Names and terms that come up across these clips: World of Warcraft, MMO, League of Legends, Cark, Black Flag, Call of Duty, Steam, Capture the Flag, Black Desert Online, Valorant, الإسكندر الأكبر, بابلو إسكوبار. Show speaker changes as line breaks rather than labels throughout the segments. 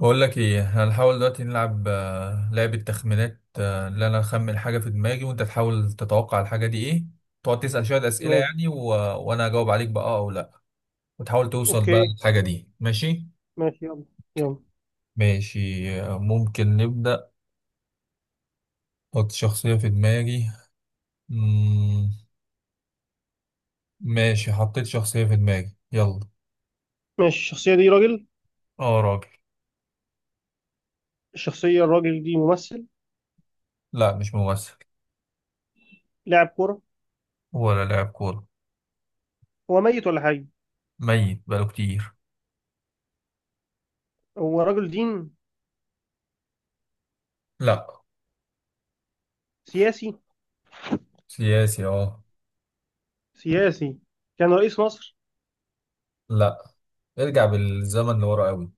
بقول لك ايه، هنحاول دلوقتي نلعب لعبة تخمينات اللي انا اخمن حاجة في دماغي وانت تحاول تتوقع الحاجة دي ايه. تقعد تسأل شوية أسئلة
ماشي.
يعني وانا اجاوب عليك بقى او لا، وتحاول توصل بقى
اوكي.
للحاجة دي. ماشي.
ماشي. يلا يلا.
ماشي، ممكن نبدأ. حط شخصية في دماغي. مم... ماشي، حطيت شخصية في دماغي، يلا.
ماشي، الشخصية دي راجل؟
اه راجل.
الشخصية الراجل دي ممثل؟
لا مش ممثل.
لاعب كورة؟
ولا لاعب كورة.
هو ميت ولا حي؟
ميت بقاله كتير.
هو رجل دين؟
لا.
سياسي.
سياسي اه.
سياسي. كان رئيس مصر؟
لا. ارجع بالزمن لورا قوي.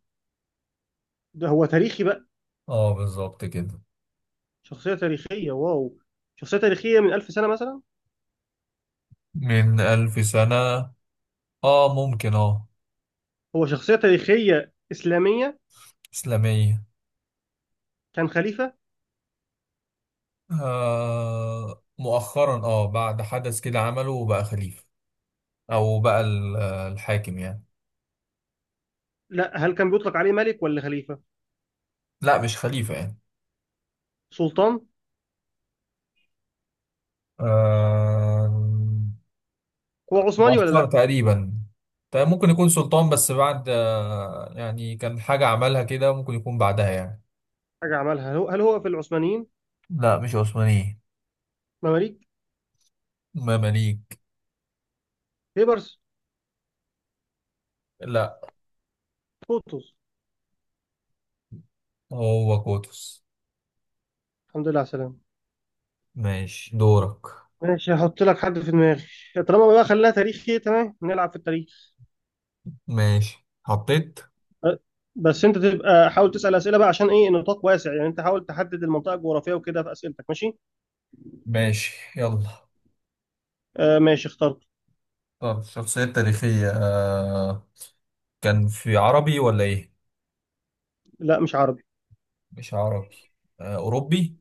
ده هو تاريخي بقى؟
اه بالظبط كده.
شخصية تاريخية، واو. شخصية تاريخية من 1000 سنة مثلا.
من 1000 سنة. اه ممكن اه.
هو شخصية تاريخية إسلامية؟
إسلامية.
كان خليفة؟
آه مؤخرا بعد حدث كده عمله وبقى خليفة. أو بقى ال- الحاكم يعني.
لا، هل كان بيطلق عليه ملك ولا خليفة؟
لا مش خليفة يعني.
سلطان.
آه،
هو عثماني ولا
مؤخرا
لا؟
تقريبا. طيب ممكن يكون سلطان، بس بعد يعني كان حاجة عملها كده، ممكن يكون بعدها يعني.
حاجة عملها، هل هو في العثمانيين؟
لا مش عثمانية.
مماليك.
مماليك.
بيبرس.
لا.
قطز.
هو قطز.
الحمد لله على السلامة.
ماشي دورك.
ماشي هحط لك حد في دماغي. طالما بقى خليها تاريخي، تمام، نلعب في التاريخ.
ماشي حطيت.
أه، بس انت تبقى حاول تسأل أسئلة بقى عشان ايه نطاق واسع يعني، انت حاول تحدد المنطقة الجغرافية وكده في أسئلتك ماشي.
ماشي يلا.
آه ماشي اخترت.
طب شخصية تاريخية، كان في عربي ولا إيه؟
لا مش عربي.
مش عربي. آه أوروبي.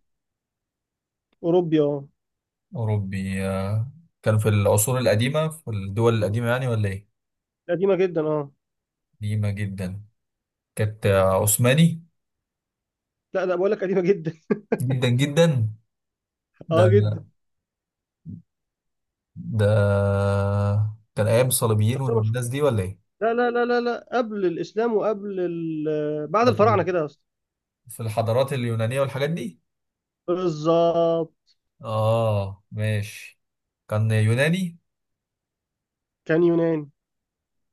أوروبي اه.
أوروبي كان في العصور القديمة، في الدول القديمة يعني ولا إيه؟
قديمة جدا اه.
قديمة جدا. كانت عثماني.
لا لا بقول لك قديمة جدا
جدا جدا. ده.
اه جدا.
ده. كان أيام الصليبيين
شخصية مشهورة.
والناس دي ولا إيه؟
لا لا لا لا لا، قبل الإسلام وقبل ال... بعد
ده في
الفراعنة
ال-
كده اصلا.
في الحضارات اليونانية والحاجات دي؟
بالظبط.
آه ماشي. كان يوناني.
كان يوناني.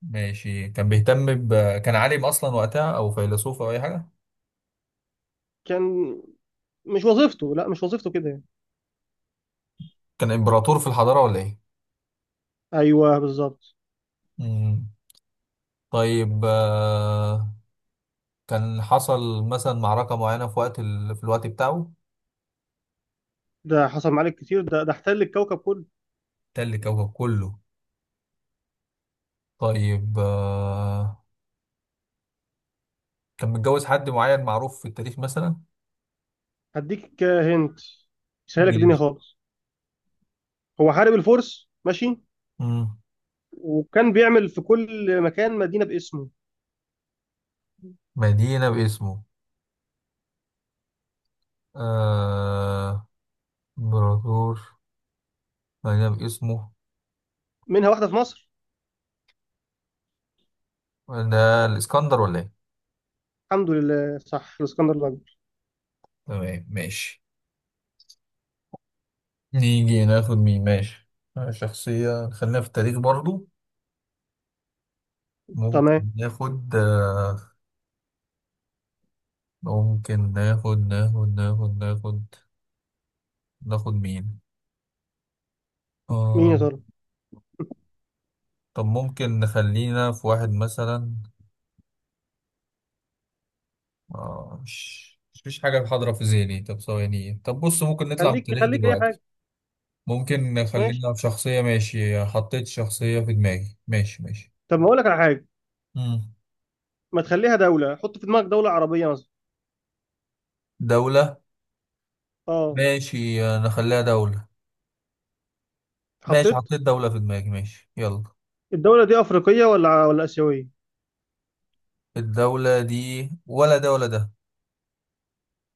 ماشي، كان بيهتم كان عالم اصلا وقتها، او فيلسوف، او اي حاجه.
كان مش وظيفته، لا مش وظيفته كده يعني.
كان امبراطور في الحضاره ولا ايه.
ايوه بالظبط.
مم. طيب كان حصل مثلا معركه معينه في وقت في الوقت بتاعه.
ده حصل معاك كتير، ده احتل الكوكب كله.
تل كوكب كله. طيب، كان متجوز حد معين معروف في التاريخ مثلا.
هديك هنت، سهلك الدنيا
ماشي.
خالص. هو حارب الفرس ماشي.
مم.
وكان بيعمل في كل مكان مدينة باسمه.
مدينه باسمه. آه، امبراطور. مدينه باسمه.
منها واحدة في مصر.
ده الاسكندر ولا ايه.
الحمد لله صح الاسكندر الأكبر.
تمام ماشي. نيجي ناخد مين. ماشي، شخصية خلينا في التاريخ برضو.
تمام.
ممكن ناخد آه، ممكن ناخد مين.
مين
آه،
يا ترى.
طب ممكن نخلينا في واحد مثلا. مش فيش حاجة حاضرة في ذهني. طب ثواني، طب بص، ممكن نطلع من
خليك
التاريخ
خليك أي
دلوقتي.
حاجة.
ممكن
ماشي.
نخلينا في شخصية. ماشي، حطيت شخصية في دماغي، ماشي ماشي.
طب ما أقول لك على حاجة.
مم.
ما تخليها دولة، حط في دماغك دولة عربية مثلا.
دولة.
اه
ماشي، نخليها دولة. ماشي،
حطيت.
حطيت دولة في دماغي، ماشي يلا.
الدولة دي أفريقية ولا آسيوية؟
الدولة دي ولا ده ولا ده.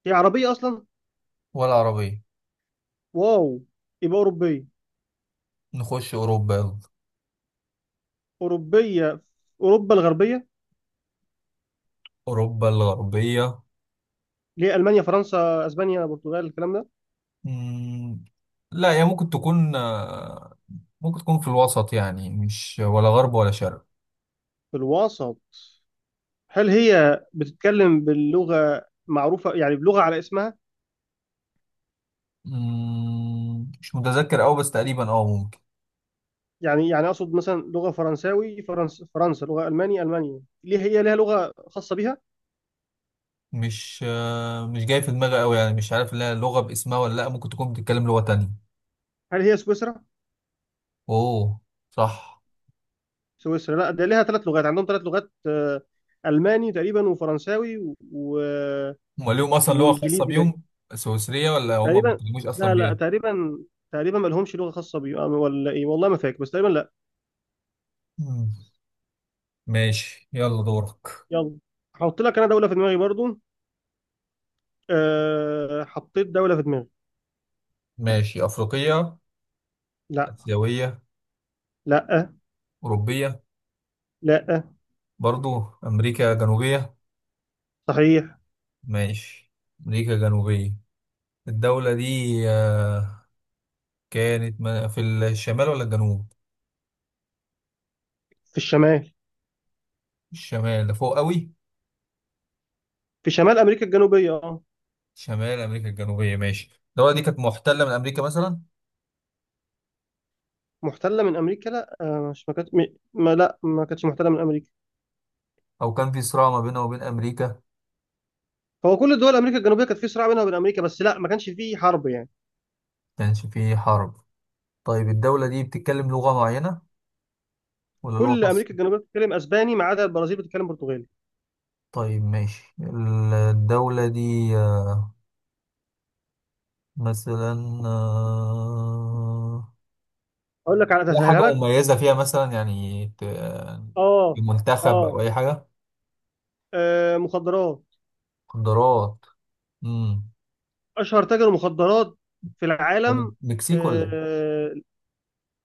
هي عربية أصلا؟
ولا عربية.
واو. يبقى أوروبية.
نخش أوروبا يلا.
أوروبية في أوروبا الغربية؟
أوروبا الغربية.
ليه، ألمانيا فرنسا أسبانيا البرتغال الكلام ده.
مم. لا هي ممكن تكون ممكن تكون في الوسط يعني، مش ولا غرب ولا شرق.
في الوسط؟ هل هي بتتكلم باللغة معروفة يعني بلغة على اسمها؟
مم. مش متذكر أوي، بس تقريبا اه ممكن.
يعني أقصد مثلا لغة فرنساوي فرنسا، لغة ألماني ألمانيا، ليه هي لها لغة خاصة بيها؟
مش مش جاي في دماغي أوي يعني، مش عارف لها لغة باسمها ولا لأ، ممكن تكون بتتكلم لغة تانية.
هل هي سويسرا؟
أوه. صح.
سويسرا، لا ده لها 3 لغات، عندهم 3 لغات، ألماني تقريبا وفرنساوي
هما ليهم أصلا لغة خاصة
وإنجليزي باين.
بيهم؟ سويسرية ولا هما ما
تقريبا.
بيتكلموش أصلا
لا لا
بيها؟
تقريبا. تقريبا ما لهمش لغة خاصة بيهم ولا إيه، والله ما فاكر بس تقريبا لا.
مم. ماشي يلا دورك.
يلا. هحط لك أنا دولة في دماغي برضو. أه حطيت دولة في دماغي.
ماشي. أفريقية؟
لا.
آسيوية؟
لا.
أوروبية؟
لا.
برضو. أمريكا جنوبية؟
صحيح.
ماشي. أمريكا جنوبية. الدولة دي آه، كانت في الشمال ولا الجنوب؟
في الشمال.
الشمال ده فوق قوي؟
في شمال أمريكا الجنوبية اه.
شمال أمريكا الجنوبية. ماشي. الدولة دي كانت محتلة من أمريكا مثلا؟
محتلة من أمريكا، لا، مش ما كانت م- ما لا ما كانتش محتلة من أمريكا.
أو كان في صراع ما بينها وبين أمريكا؟
هو كل دول أمريكا الجنوبية كانت في صراع بينها وبين أمريكا بس لا ما كانش فيه حرب يعني.
كانش في حرب. طيب الدولة دي بتتكلم لغة معينة ولا لغة
كل
خاصة؟
أمريكا الجنوبية بتتكلم أسباني ما عدا البرازيل بتتكلم برتغالي.
طيب ماشي. الدولة دي مثلا آه،
أقول لك على
ليها
تسهلها
حاجة
لك.
مميزة فيها مثلا يعني،
اه.
المنتخب
اه.
أو أي حاجة.
مخدرات.
مخدرات. امم
أشهر تاجر مخدرات في
طب
العالم.
مكسيك ولا إيه؟
آه،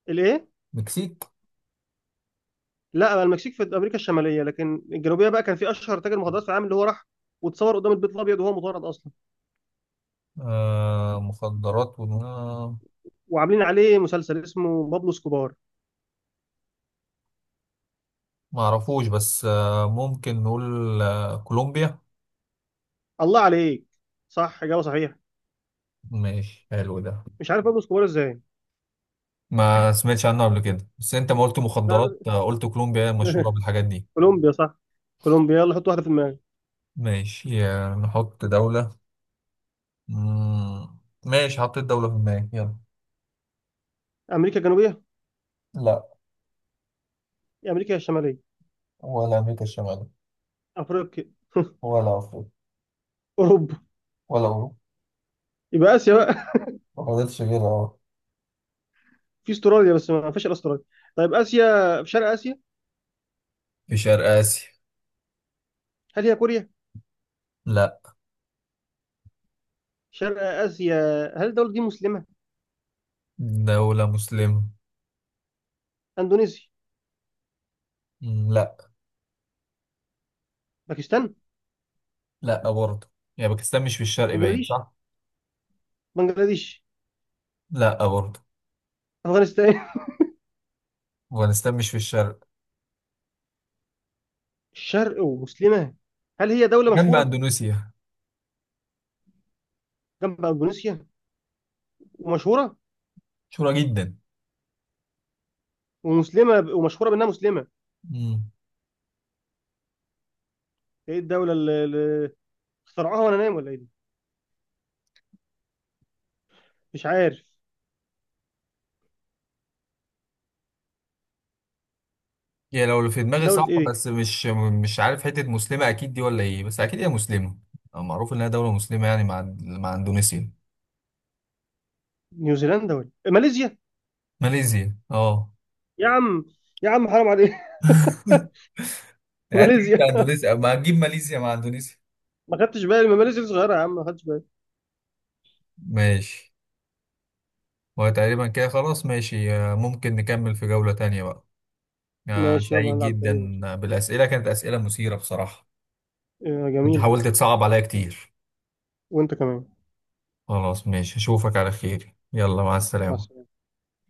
الإيه.
مكسيك.
لا بقى المكسيك في امريكا الشماليه، لكن الجنوبيه بقى كان في اشهر تاجر مخدرات في العالم اللي هو راح واتصور قدام البيت الابيض وهو مطارد اصلا،
آه مخدرات و... آه،
وعاملين عليه مسلسل اسمه بابلو سكوبار.
معرفوش، بس آه ممكن نقول آه كولومبيا.
الله عليك، صح، اجابه صحيحه.
ماشي حلو ده.
مش عارف بابلو سكوبار ازاي.
ما سمعتش عنه قبل كده، بس أنت ما قلت
لا
مخدرات
لا
قلت كولومبيا هي المشهورة بالحاجات دي.
كولومبيا صح. كولومبيا، يلا حط واحده في دماغك.
ماشي نحط دولة. مم. ماشي، حطيت دولة في دماغي، يلا.
امريكا الجنوبيه؟
لا.
يا امريكا يا الشماليه.
ولا أمريكا الشمالية.
افريقيا؟
ولا أفريقيا.
اوروبا؟
ولا أوروبا.
يبقى اسيا بقى.
ما فضلش غيرها اه.
في استراليا بس ما فيش إلا استراليا. طيب اسيا. في شرق اسيا.
في شرق آسيا.
هل هي كوريا؟
لا.
شرق اسيا. هل الدوله دي مسلمه؟
دولة مسلمة.
اندونيسيا.
مم، لا.
باكستان.
لا برضه. يعني باكستان مش في الشرق، باين
بنجلاديش.
صح؟
بنجلاديش.
لا برضه.
افغانستان.
أفغانستان مش في الشرق.
الشرق ومسلمة. هل هي دولة
جنب
مشهورة؟
أندونيسيا.
جنب إندونيسيا. ومشهورة.
مشهورة جدا.
ومسلمة ومشهورة بأنها مسلمة.
مم.
إيه الدولة اللي اخترعوها وأنا نايم ولا إيه دي؟ مش عارف.
يعني لو اللي في دماغي
دولة
صح
إيه دي؟
بس مش. مش عارف حتة مسلمة أكيد دي ولا إيه، بس أكيد هي مسلمة. معروف إنها دولة مسلمة يعني مع أندونيسيا.
نيوزيلندا ولا إيه؟ ماليزيا.
ماليزيا أه.
يا عم، يا عم حرام عليك
يعني أنت جبت
ماليزيا.
أندونيسيا، ما هتجيب ماليزيا مع أندونيسيا.
ما خدتش بالي، ما ماليزيا صغيرة يا عم، ما خدتش بالي.
ماشي. وتقريبا كده خلاص. ماشي، ممكن نكمل في جولة تانية بقى.
ماشي يلا
سعيد
نلعب تاني.
جدا بالأسئلة، كانت أسئلة مثيرة بصراحة. كنت
جميلة.
حاولت تصعب عليا كتير.
وأنت كمان.
خلاص ماشي، أشوفك على خير، يلا مع
مع
السلامة.
السلامة.